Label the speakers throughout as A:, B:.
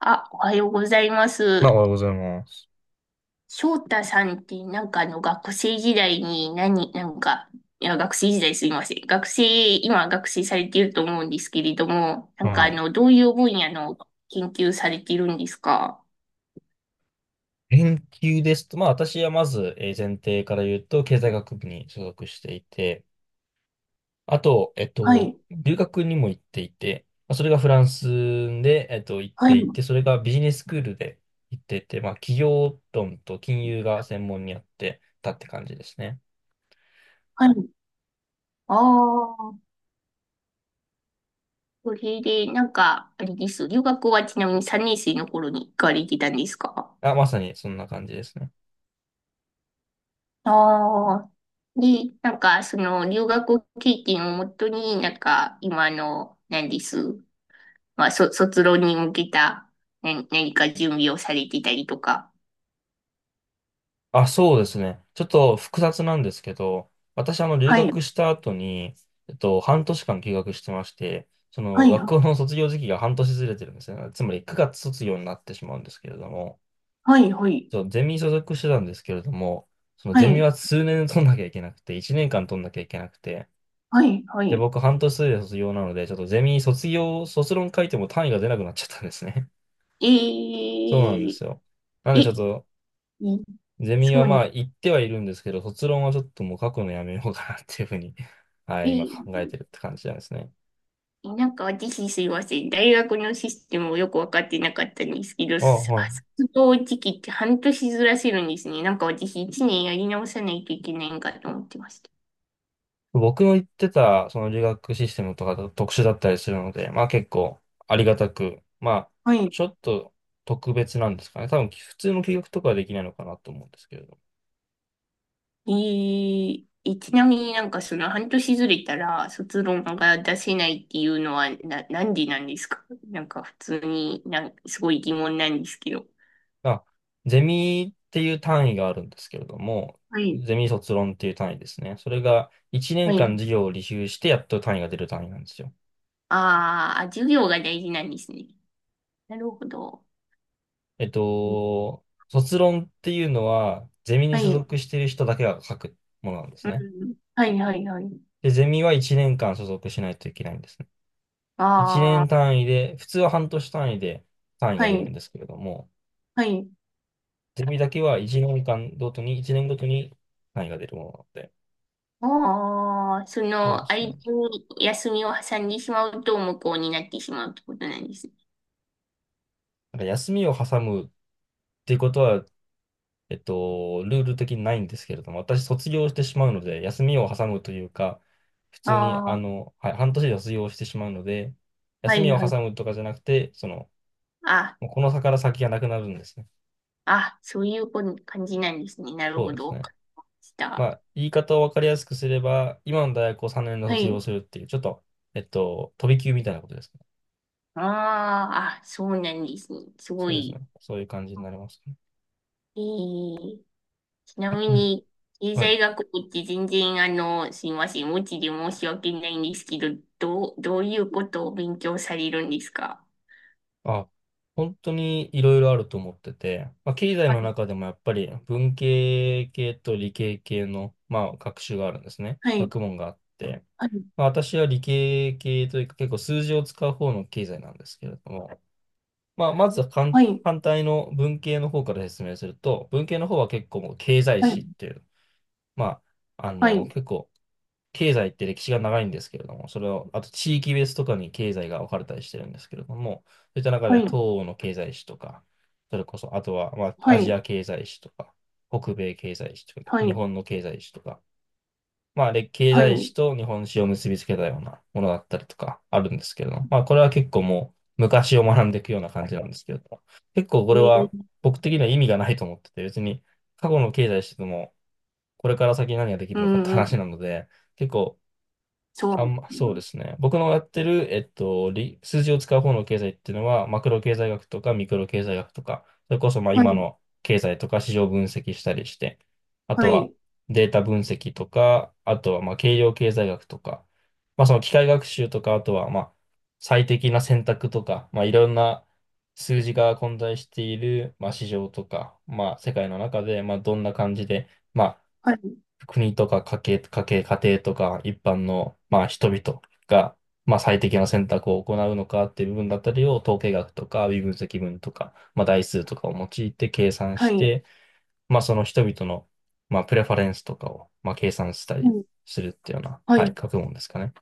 A: あ、おはようございま
B: まあ、おは
A: す。
B: ようございます。
A: 翔太さんって学生時代に何、なんか、いや、学生時代すいません。今学生されていると思うんですけれども、
B: はい。
A: どういう分野の研究されているんですか？
B: 研究ですと、まあ、私はまず、前提から言うと、経済学部に所属していて、あと、
A: はい、
B: 留学にも行っていて、まあ、それがフランスで、行っ
A: は
B: て
A: い、
B: いて、それがビジネススクールで行っていて、まあ、企業論と金融が専門にあってたって感じですね。
A: はい。ああ、それであれです。留学はちなみに3年生の頃に行かれてたんですか？
B: あ、まさにそんな感じですね。
A: ああ。で、留学経験をもとに、なんか、今の、何です。まあ、卒論に向けた、何か準備をされてたりとか。
B: あ、そうですね。ちょっと複雑なんですけど、私、留
A: はい、
B: 学した後に、半年間休学してまして、
A: はい、
B: 学校の卒業時期が半年ずれてるんですね。つまり、9月卒業になってしまうんですけれども、
A: はい、はい、
B: ゼミ所属してたんですけれども、その
A: は
B: ゼミ
A: い、
B: は数年取んなきゃいけなくて、1年間取んなきゃいけなくて、
A: はい、は
B: で、
A: い。
B: 僕、半年で卒業なので、ちょっとゼミ卒業、卒論書いても単位が出なくなっちゃったんですね。
A: え
B: そうなんで
A: え
B: すよ。なん
A: え、
B: で、ちょっ
A: え
B: と、ゼミ
A: そ
B: は
A: う
B: ま
A: な、
B: あ行ってはいるんですけど、卒論はちょっともう書くのやめようかなっていうふうに はい、今
A: え
B: 考えてるって感じなんですね。
A: 私すいません。大学のシステムをよくわかってなかったんですけど、
B: あ、はい。
A: 卒業時期って半年ずらせるんですね。私一年やり直さないといけないんかと思ってました。
B: 僕の言ってた、その留学システムとかだと特殊だったりするので、まあ結構ありがたく、まあ、
A: はい。
B: ちょっと特別なんですかね。多分普通の休学とかはできないのかなと思うんですけれど。
A: ちなみに半年ずれたら卒論が出せないっていうのはなんでなんですか？普通にすごい疑問なんですけど。
B: あ、ゼミっていう単位があるんですけれども、
A: はい。
B: ゼミ卒論っていう単位ですね。それが1
A: は
B: 年間
A: い。
B: 授業を履修してやっと単位が出る単位なんですよ。
A: あーあ、授業が大事なんですね。なるほど。うん、
B: 卒論っていうのは、ゼミに
A: は
B: 所
A: い。
B: 属している人だけが書くものなんです
A: う
B: ね。
A: ん。はい、はい、はい。
B: で、ゼミは1年間所属しないといけないんですね。1
A: あ
B: 年
A: あ、
B: 単位で、普通は半年単位で単位が
A: は
B: 出るん
A: い、
B: ですけれども、
A: はい。
B: ゼミだけは1年間ごとに、1年ごとに単位が出るものなので、
A: ああ、
B: そうです
A: 間
B: ね。
A: に休みを挟んでしまうと無効になってしまうってことなんですね。
B: なんか休みを挟むっていうことは、ルール的にないんですけれども、私卒業してしまうので、休みを挟むというか、普通に、
A: ああ、
B: はい、半年で卒業してしまうので、
A: は
B: 休
A: い、
B: みを
A: はい。
B: 挟むとかじゃなくて、
A: あ、
B: もうこの差から先がなくなるんですね。
A: そういう感じなんですね。なる
B: そう
A: ほ
B: で
A: ど。
B: す
A: わ
B: ね。
A: かりまし
B: ま
A: た。
B: あ、言い方を分かりやすくすれば、今の大学を3年で
A: は
B: 卒業
A: い。
B: するっていう、ちょっと、飛び級みたいなことですね。
A: そうなんですね。すご
B: そうですね。
A: い。
B: そういう感じになりますね。
A: えー、ちなみ
B: うん。
A: に、経
B: はい。
A: 済学部って全然、すいません。無知で申し訳ないんですけど、どういうことを勉強されるんですか？
B: あ、本当にいろいろあると思ってて、まあ、経済
A: は
B: の
A: い、
B: 中でもやっぱり文系系と理系系の、まあ、学習があるんですね。学
A: は
B: 問があって、
A: い。
B: まあ、私は理系系というか結構数字を使う方の経済なんですけれども、まあ、まずは
A: はい、
B: 反対の文系の方から説明すると、文系の方は結構もう経済
A: はい、
B: 史っていう、まあ、
A: はい、
B: 結構経済って歴史が長いんですけれども、それを、あと地域別とかに経済が分かれたりしてるんですけれども、そういった中
A: は
B: で
A: い、
B: 東欧の経済史とか、それこそ、あとは、まあ、
A: は
B: アジ
A: い、
B: ア経済史とか、北米経済史とか、
A: はい、
B: 日本の経済史とか、まあ、経
A: は
B: 済
A: い、
B: 史と日本史を結びつけたようなものだったりとかあるんですけれども、まあ、これは結構もう昔を学んでいくような感じなんですけれども、結構これ
A: に、
B: は僕的には意味がないと思ってて、別に過去の経済史でも、これから先何ができる
A: う
B: のかって
A: ん、う
B: 話
A: ん、
B: なので、結構、
A: そう。
B: そうですね。僕のやってる、数字を使う方の経済っていうのは、マクロ経済学とかミクロ経済学とか、それこそまあ
A: は
B: 今
A: い、
B: の経済とか市場分析したりして、あ
A: は
B: とは
A: い、
B: データ分析とか、あとはまあ計量経済学とか、まあその機械学習とか、あとはまあ最適な選択とか、まあいろんな数字が混在している、まあ市場とか、まあ世界の中で、まあどんな感じで、まあ
A: はい、
B: 国とか家庭とか一般の、まあ、人々が、まあ、最適な選択を行うのかっていう部分だったりを統計学とか微分積分とか、まあ、代数とかを用いて計算
A: は
B: し
A: い、
B: て、まあ、その人々の、まあ、プレファレンスとかを、まあ、計算した
A: う
B: り
A: ん、
B: するっていうような、
A: は
B: はい、
A: い。
B: 学問ですかね。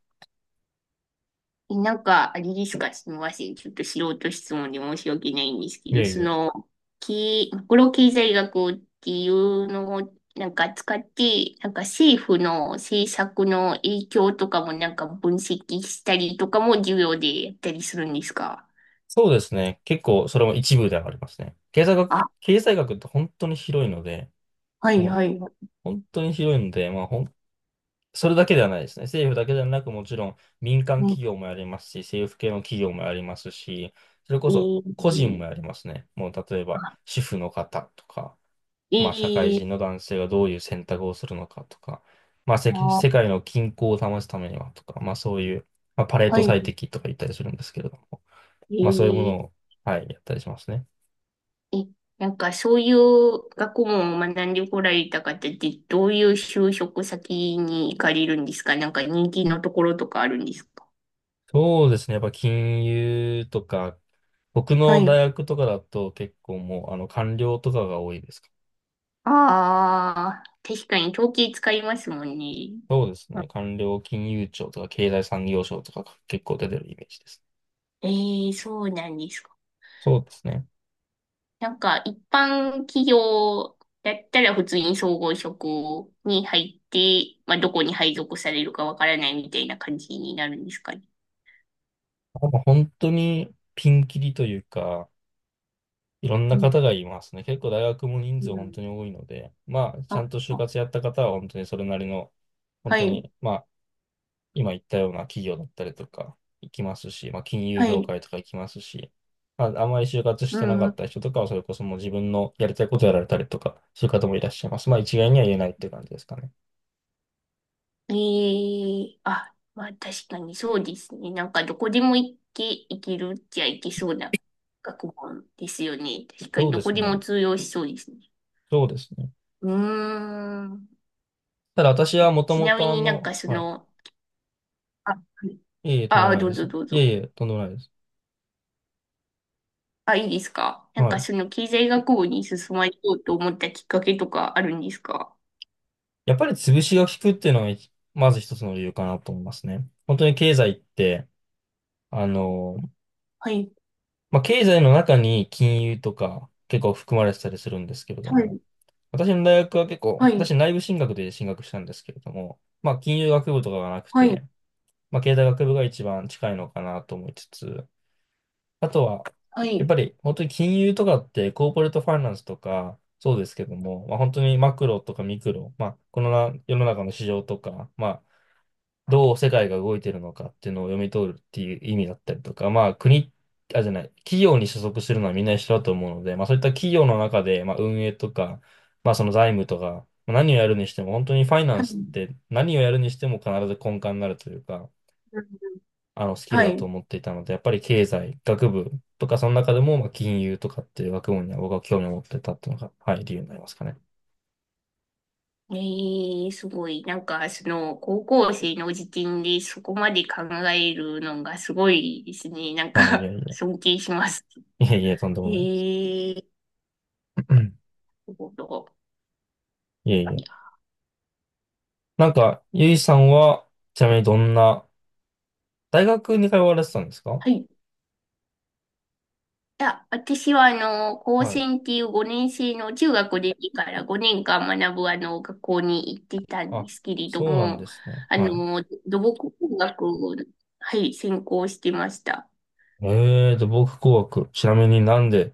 A: あれですか、すみません。ちょっと素人質問で申し訳ないんですけ
B: い
A: ど、
B: やいや。
A: マクロ経済学っていうのを使って、政府の政策の影響とかも分析したりとかも授業でやったりするんですか？
B: そうですね。結構それも一部ではありますね。
A: あ、
B: 経済学って本当に広いので、
A: はい、
B: もう
A: はい。
B: 本当に広いので、まあ、それだけではないですね。政府だけではなく、もちろん民間
A: うん、
B: 企業もやりますし、政府系の企業もやりますし、それこそ
A: え
B: 個人
A: ー
B: もやりますね。もう例え
A: あ、
B: ば主婦の方とか、まあ社会
A: い
B: 人の
A: い
B: 男性がどういう選択をするのかとか、まあ世
A: な。
B: 界の均衡を保つためにはとか、まあそういう、まあ、パレー
A: は
B: ト
A: い。
B: 最適とか言ったりするんですけれども、まあそういうもの
A: え
B: を、はい、やったりしますね。
A: え、そういう学問を学んでこられた方ってどういう就職先に行かれるんですか？人気のところとかあるんですか？
B: そうですね。やっぱ金融とか、僕
A: は
B: の
A: い。
B: 大学とかだと結構もう官僚とかが多いですかね。
A: ああ、確かに統計使いますもんね。
B: そうですね。官僚金融庁とか経済産業省とかが結構出てるイメージです。
A: ええ、そうなんですか？
B: そうですね。
A: 一般企業だったら普通に総合職に入って、まあ、どこに配属されるかわからないみたいな感じになるんですかね？
B: まあもう本当にピンキリというか、いろんな方がいますね。結構大学も人
A: う
B: 数本
A: ん。
B: 当に多いので、まあ、ちゃ
A: あ、
B: んと就
A: あ
B: 活やった方は本当にそれなりの、本
A: は
B: 当
A: い、
B: に、まあ、今言ったような企業だったりとか行きますし、まあ、金融
A: は
B: 業
A: い。
B: 界とか行きますし、まあ、あんまり就活し
A: う
B: てなかっ
A: ん。
B: た人とかはそれこそもう自分のやりたいことやられたりとか、そういう方もいらっしゃいます。まあ、一概には言えないっていう感じですかね。
A: えまあ、確かにそうですね。どこでも行け、行けるっちゃ行けそうな学問ですよね。確か
B: そ
A: に
B: う
A: ど
B: で
A: こ
B: す
A: でも
B: ね。
A: 通用しそうですね。
B: そうですね。
A: うーん。
B: ただ私はもと
A: ち
B: も
A: なみ
B: と
A: に
B: はい。
A: あ、はい、
B: いえいえ、とんでも
A: あ、
B: ない
A: ど
B: で
A: うぞ
B: す。
A: どう
B: いえい
A: ぞ。
B: え、とんでもないです。
A: あ、いいですか？
B: はい。
A: 経済学部に進まれようと思ったきっかけとかあるんですか？
B: やっぱり潰しが効くっていうのがまず一つの理由かなと思いますね。本当に経済って、あの、
A: はい、
B: まあ、経済の中に金融とか結構含まれてたりするんですけれど
A: は
B: も、
A: い、
B: 私の大学は結構、
A: は
B: 私
A: い、
B: 内部進学で進学したんですけれども、まあ、金融学部とかがなく
A: はい、
B: て、まあ、経済学部が一番近いのかなと思いつつ、あとは、
A: は
B: やっ
A: い、
B: ぱり本当に金融とかってコーポレートファイナンスとかそうですけども、まあ、本当にマクロとかミクロ、まあ、このな世の中の市場とか、まあ、どう世界が動いてるのかっていうのを読み取るっていう意味だったりとか、まあ、国、あ、じゃない、企業に所属するのはみんな一緒だと思うので、まあ、そういった企業の中で、まあ、運営とか、まあ、その財務とか、まあ何をやるにしても、本当にファイナ
A: は
B: ンスっ
A: い。
B: て何をやるにしても必ず根幹になるというか、あのスキル
A: はい、
B: だ
A: は
B: と
A: い。
B: 思っていたので、やっぱり経済、学部とか、その中でも、まあ、金融とかっていう学問には僕は興味を持ってたっていうのが、はい、理由になりますかね。
A: ええ、すごい。高校生の時点でそこまで考えるのがすごいですね。
B: あ、いやいや。
A: 尊敬します。
B: いえいえ、とんでもないです。
A: ええ、 なるほど。
B: いえい
A: い
B: え。
A: や、
B: なんか、ゆいさんは、ちなみにどんな、大学に通われてたんですか？
A: はい。いや、私は、高
B: はい。
A: 専っていう5年生の中学でいいから5年間学ぶ、学校に行ってたんで
B: あ、
A: すけれど
B: そうなん
A: も、
B: ですね。はい。
A: 土木工学を、はい、専攻してました。
B: 土木工学。ちなみになんで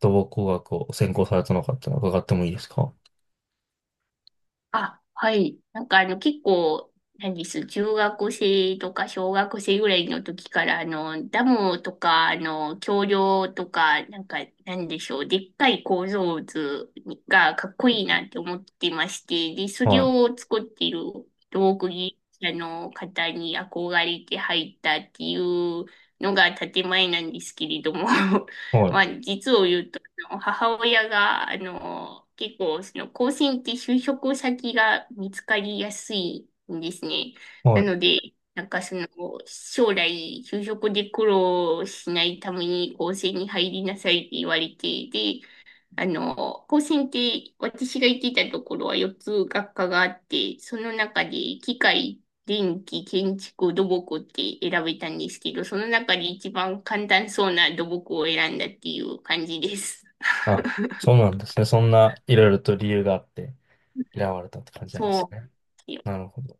B: 土木工学を専攻されたのかっていうのを伺ってもいいですか？
A: あ、はい。結構、何です、中学生とか小学生ぐらいの時から、ダムとか、橋梁とか、なんでしょう、でっかい構造図がかっこいいなって思ってまして、で、それ
B: は
A: を作っている道具技者の方に憧れて入ったっていうのが建前なんですけれども、
B: い。は
A: ま
B: い。
A: あ、実を言うと母親が、結構、高専って就職先が見つかりやすいんですね。
B: は
A: な
B: い。
A: ので、なんかその、将来、就職で苦労しないために高専に入りなさいって言われて、で、高専って、私が行ってたところは4つ学科があって、その中で、機械、電気、建築、土木って選べたんですけど、その中で一番簡単そうな土木を選んだっていう感じです。
B: あ、そうなんですね。そんないろいろと理由があって嫌われたって感じな
A: そ
B: ん
A: う
B: で
A: な
B: す
A: んで
B: ね。
A: すよ。
B: なるほど。